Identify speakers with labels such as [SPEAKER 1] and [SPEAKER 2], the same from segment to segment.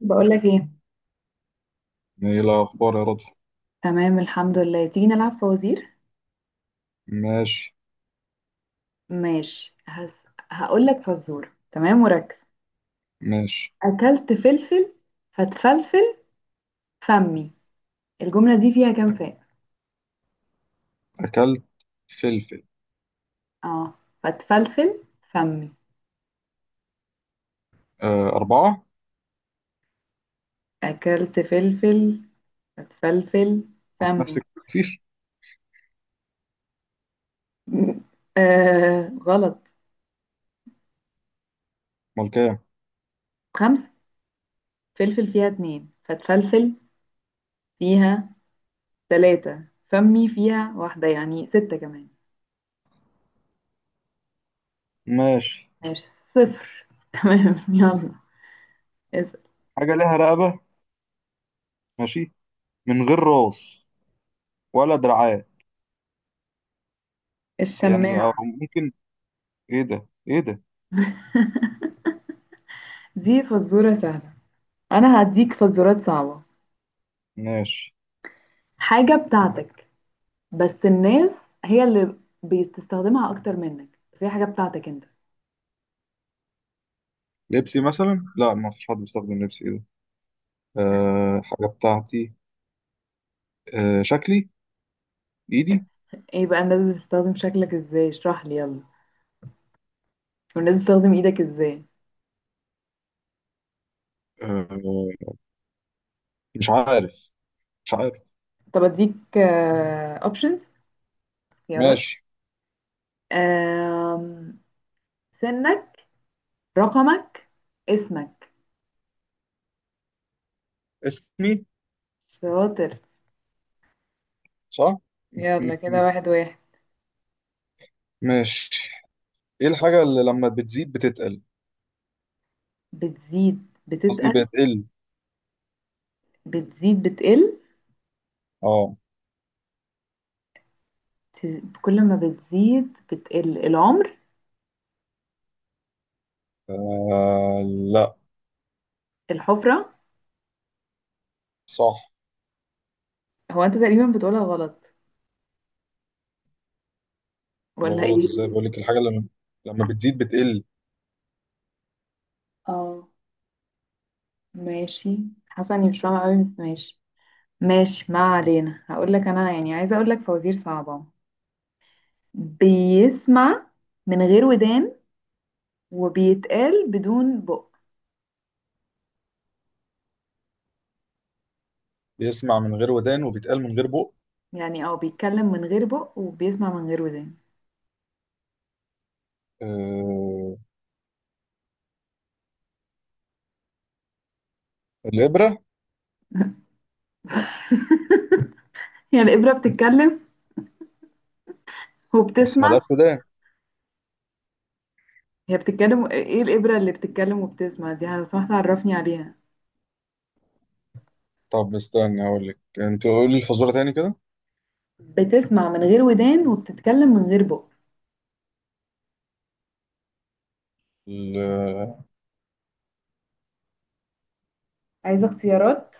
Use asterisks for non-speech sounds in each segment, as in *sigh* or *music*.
[SPEAKER 1] بقولك ايه؟
[SPEAKER 2] ايه الاخبار يا رضوى؟
[SPEAKER 1] تمام، الحمد لله. تيجي نلعب فوازير؟
[SPEAKER 2] ماشي.
[SPEAKER 1] ماشي. هقولك فزورة. تمام، وركز.
[SPEAKER 2] ماشي.
[SPEAKER 1] اكلت فلفل فتفلفل فمي. الجملة دي فيها كام فاء؟
[SPEAKER 2] اكلت فلفل.
[SPEAKER 1] اه. فتفلفل فمي.
[SPEAKER 2] آه، اربعة.
[SPEAKER 1] اكلت فلفل فتفلفل
[SPEAKER 2] كنت
[SPEAKER 1] فمي.
[SPEAKER 2] نفسك مفيش؟
[SPEAKER 1] *laughs* آه، غلط.
[SPEAKER 2] امال كام؟
[SPEAKER 1] خمسة. فلفل فيها اتنين، فتفلفل فيها تلاتة، فمي فيها واحدة، يعني ستة كمان.
[SPEAKER 2] ماشي.
[SPEAKER 1] ماشي. صفر. *laughs* تمام، يلا.
[SPEAKER 2] حاجة ليها رقبة. ماشي. من غير راس ولا دراعات. يعني او
[SPEAKER 1] الشماعة.
[SPEAKER 2] ممكن. ايه ده؟ ايه ده؟
[SPEAKER 1] دي فزورة سهلة. أنا هديك فزورات صعبة.
[SPEAKER 2] ماشي.
[SPEAKER 1] حاجة بتاعتك، بس الناس هي اللي بتستخدمها أكتر منك، بس هي حاجة بتاعتك أنت.
[SPEAKER 2] لبسي مثلا؟ لا، ما فيش حد بيستخدم لبسي. ايه ده؟ آه، حاجة بتاعتي. آه، شكلي. ايدي.
[SPEAKER 1] إيه بقى الناس بتستخدم شكلك إزاي؟ اشرح لي يلا. والناس بتستخدم إيدك إزاي؟
[SPEAKER 2] آه، مش عارف. مش عارف.
[SPEAKER 1] طب أديك أوبشنز، خيارات.
[SPEAKER 2] ماشي.
[SPEAKER 1] آم، سنك، رقمك، اسمك.
[SPEAKER 2] اسمي.
[SPEAKER 1] شاطر.
[SPEAKER 2] صح.
[SPEAKER 1] يلا
[SPEAKER 2] *laughs*
[SPEAKER 1] كده، واحد واحد.
[SPEAKER 2] ماشي. ايه الحاجة اللي لما بتزيد بتتقل؟
[SPEAKER 1] بتزيد
[SPEAKER 2] قصدي
[SPEAKER 1] بتتقل؟
[SPEAKER 2] بتقل.
[SPEAKER 1] بتزيد بتقل.
[SPEAKER 2] اه.
[SPEAKER 1] كل ما بتزيد بتقل، العمر.
[SPEAKER 2] آه، لا.
[SPEAKER 1] الحفرة.
[SPEAKER 2] صح.
[SPEAKER 1] هو انت تقريبا بتقولها غلط
[SPEAKER 2] ولا
[SPEAKER 1] ولا
[SPEAKER 2] غلط
[SPEAKER 1] ايه؟
[SPEAKER 2] ازاي؟ بقول لك الحاجة لما بتزيد بتقل.
[SPEAKER 1] اه، ماشي. حاسة اني مش فاهمة قوي، بس ماشي. ماشي، ما علينا. هقول لك انا، يعني عايزة اقول لك فوازير صعبة. بيسمع من غير ودان وبيتقال بدون بق.
[SPEAKER 2] بيسمع من غير ودان وبيتقل من غير بق.
[SPEAKER 1] يعني او بيتكلم من غير بق وبيسمع من غير ودان.
[SPEAKER 2] آه، الإبرة.
[SPEAKER 1] *laughs* يعني الإبرة بتتكلم
[SPEAKER 2] بس
[SPEAKER 1] وبتسمع؟
[SPEAKER 2] مالهاش ودان.
[SPEAKER 1] هي بتتكلم؟ ايه الإبرة اللي بتتكلم وبتسمع دي؟ لو سمحت عرفني عليها.
[SPEAKER 2] طب استنى اقول لك، انت قولي الفزورة تاني كده.
[SPEAKER 1] بتسمع من غير ودان وبتتكلم من غير بق.
[SPEAKER 2] ال- آه،
[SPEAKER 1] عايزة اختيارات.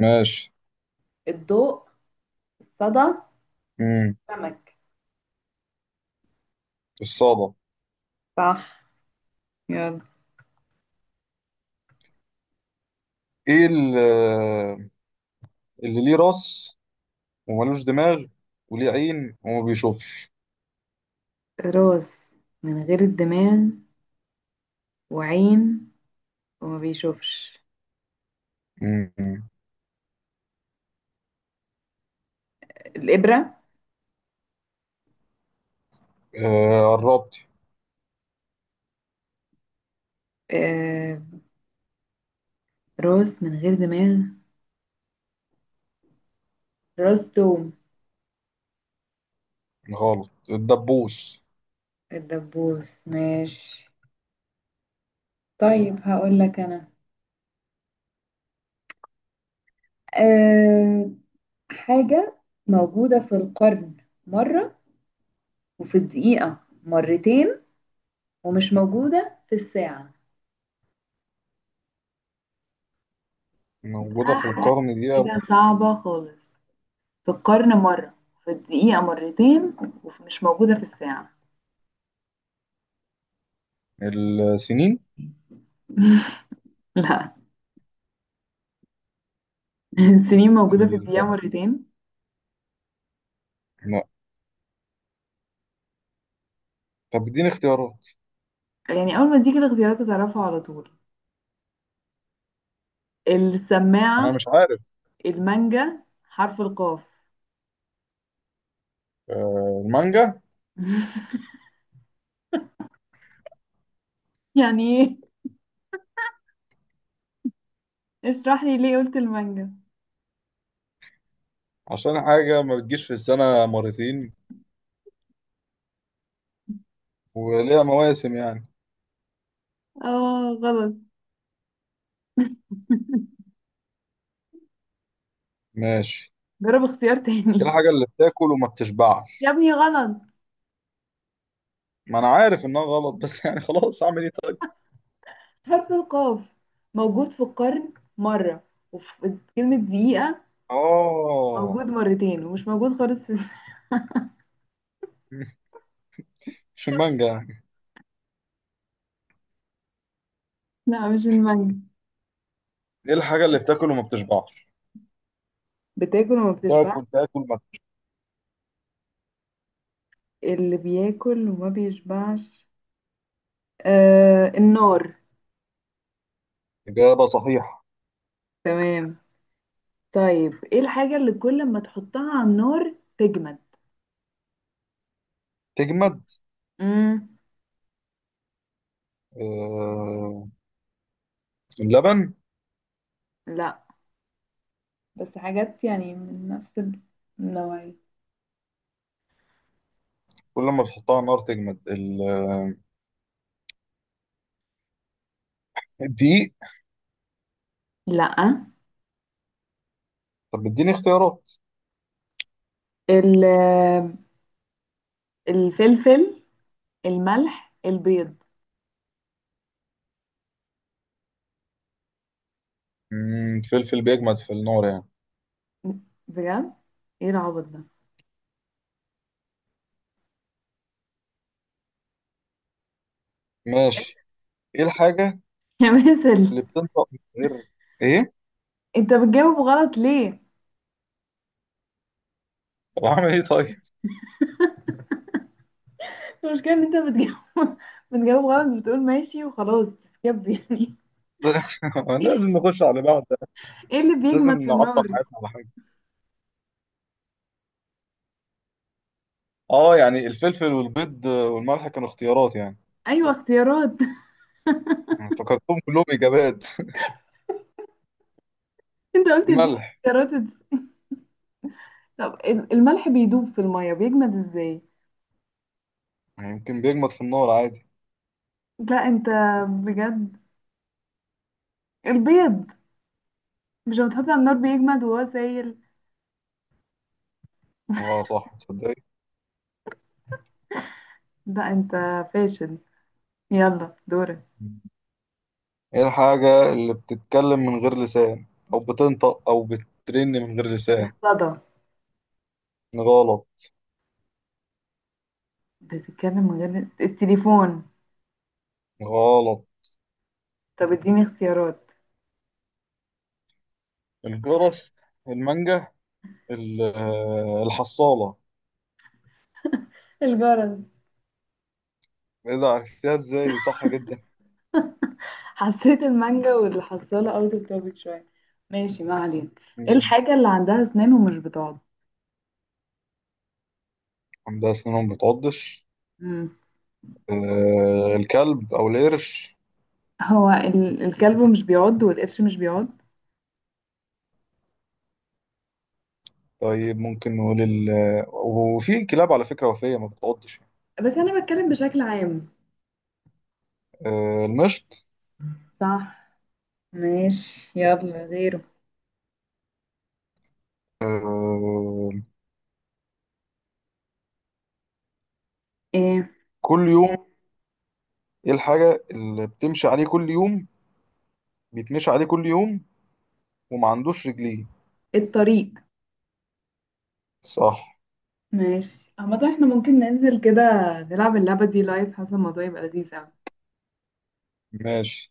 [SPEAKER 2] ماشي.
[SPEAKER 1] الضوء، الصدى،
[SPEAKER 2] امم
[SPEAKER 1] سمك.
[SPEAKER 2] الصادة.
[SPEAKER 1] صح، يلا.
[SPEAKER 2] ايه اللي ليه راس وملوش دماغ وليه عين وما بيشوفش؟
[SPEAKER 1] راس من غير الدماغ، وعين وما بيشوفش.
[SPEAKER 2] امم.
[SPEAKER 1] الإبرة.
[SPEAKER 2] آه، قربت.
[SPEAKER 1] آه. راس من غير دماغ، راس توم.
[SPEAKER 2] غلط، الدبوس.
[SPEAKER 1] الدبوس، ماشي. طيب هقول لك أنا. أه حاجة موجودة في القرن مرة، وفي الدقيقة مرتين، ومش موجودة في الساعة.
[SPEAKER 2] موجودة في القرن دي، أو...
[SPEAKER 1] حاجة صعبة خالص. في القرن مرة، في الدقيقة مرتين، ومش موجودة في الساعة.
[SPEAKER 2] السنين.
[SPEAKER 1] لا. *laughs* السنين موجودة في
[SPEAKER 2] ال...
[SPEAKER 1] الدقيقة مرتين.
[SPEAKER 2] لا. طب اديني اختيارات.
[SPEAKER 1] يعني أول ما تيجي الاختيارات هتعرفها على طول.
[SPEAKER 2] أنا
[SPEAKER 1] السماعة،
[SPEAKER 2] مش عارف.
[SPEAKER 1] المانجا، حرف القاف.
[SPEAKER 2] آه، المانجا.
[SPEAKER 1] يعني ايه؟ اشرح لي ليه قلت المانجا.
[SPEAKER 2] عشان حاجة ما بتجيش في السنة مرتين وليها مواسم يعني.
[SPEAKER 1] اه، غلط.
[SPEAKER 2] ماشي.
[SPEAKER 1] جرب اختيار
[SPEAKER 2] دي
[SPEAKER 1] تاني. *laughs*
[SPEAKER 2] الحاجة اللي بتاكل وما
[SPEAKER 1] يا
[SPEAKER 2] بتشبعش.
[SPEAKER 1] ابني غلط.
[SPEAKER 2] ما أنا عارف إنها غلط، بس *laughs* يعني خلاص، أعمل إيه طيب؟
[SPEAKER 1] حرف القاف موجود في القرن مرة، وفي كلمة دقيقة
[SPEAKER 2] آه.
[SPEAKER 1] موجود مرتين، ومش موجود خالص في.
[SPEAKER 2] *laughs* مش المانجا يعني؟
[SPEAKER 1] لا، مش المانجا.
[SPEAKER 2] دي الحاجة اللي بتاكل وما بتشبعش.
[SPEAKER 1] بتاكل وما بتشبعش.
[SPEAKER 2] تاكل تاكل ما.
[SPEAKER 1] اللي بياكل وما بيشبعش. آه، النار.
[SPEAKER 2] إجابة صحيحة.
[SPEAKER 1] تمام. طيب ايه الحاجة اللي كل ما تحطها على النار تجمد؟
[SPEAKER 2] تجمد.
[SPEAKER 1] مم.
[SPEAKER 2] آه، اللبن.
[SPEAKER 1] لا. بس حاجات يعني من نفس النوعية.
[SPEAKER 2] كل ما تحطها على النار تجمد، الدقيق.
[SPEAKER 1] لا.
[SPEAKER 2] طب اديني اختيارات.
[SPEAKER 1] ال- الفلفل، الملح، البيض.
[SPEAKER 2] فلفل بيجمد في النار يعني؟
[SPEAKER 1] بجد؟ ايه العبط ده.
[SPEAKER 2] ماشي. ايه الحاجة
[SPEAKER 1] *laughs* يا باسل،
[SPEAKER 2] اللي بتنطق من غير ايه؟
[SPEAKER 1] انت بتجاوب غلط ليه؟
[SPEAKER 2] طب اعمل ايه طيب؟
[SPEAKER 1] المشكلة ان انت بتجاوب *laughs* بتجاوب غلط، بتقول ماشي وخلاص، بتسكب يعني.
[SPEAKER 2] *laughs* لازم نخش على بعض.
[SPEAKER 1] ايه اللي
[SPEAKER 2] مش
[SPEAKER 1] بيجمد
[SPEAKER 2] لازم
[SPEAKER 1] في
[SPEAKER 2] نعطل
[SPEAKER 1] النار؟
[SPEAKER 2] حياتنا على حاجة. اه، يعني الفلفل والبيض والملح كانوا اختيارات يعني.
[SPEAKER 1] ايوه، اختيارات.
[SPEAKER 2] أنا افتكرتهم كلهم اجابات. *laughs*
[SPEAKER 1] *laughs* انت قلت اديني
[SPEAKER 2] الملح.
[SPEAKER 1] اختيارات. طب الملح بيدوب في المية، بيجمد ازاي؟
[SPEAKER 2] يمكن بيجمد في النار عادي.
[SPEAKER 1] لا انت، بجد. البيض، مش لما تحطه على النار بيجمد وهو سايل؟
[SPEAKER 2] اه، صح. تصدق؟
[SPEAKER 1] لا انت فاشل. يلا دورك.
[SPEAKER 2] ايه الحاجة اللي بتتكلم من غير لسان، او بتنطق او بترن من غير لسان؟
[SPEAKER 1] الصدى.
[SPEAKER 2] غلط.
[SPEAKER 1] بتتكلم من غير التليفون.
[SPEAKER 2] غلط.
[SPEAKER 1] طب اديني اختيارات.
[SPEAKER 2] الجرس، المانجا، الحصالة.
[SPEAKER 1] الجرس.
[SPEAKER 2] ايه ده؟ عرفتيها ازاي؟ صح جدا.
[SPEAKER 1] حسيت المانجا والحصالة اوت اوف توبيك شوية. ماشي، ما علينا. ايه
[SPEAKER 2] مم.
[SPEAKER 1] الحاجة اللي عندها اسنان ومش بتعض؟
[SPEAKER 2] عندها سنون ما بتعضش.
[SPEAKER 1] مم.
[SPEAKER 2] آه، الكلب او القرش.
[SPEAKER 1] هو الكلب مش بيعض والقرش مش بيعض.
[SPEAKER 2] طيب ممكن نقول وفي كلاب على فكرة وفية ما بتعضش.
[SPEAKER 1] بس انا بتكلم بشكل عام.
[SPEAKER 2] آه، المشط.
[SPEAKER 1] صح. ماشي، يلا غيره.
[SPEAKER 2] آه،
[SPEAKER 1] ايه؟
[SPEAKER 2] كل يوم. ايه الحاجة اللي بتمشي عليه كل يوم، بيتمشي عليه كل يوم وما عندوش رجلين؟
[SPEAKER 1] الطريق.
[SPEAKER 2] صح.
[SPEAKER 1] ماشي، عامة احنا ممكن ننزل كده نلعب اللعبة دي لايف. حاسة الموضوع يبقى لذيذ اوي.
[SPEAKER 2] ماشي.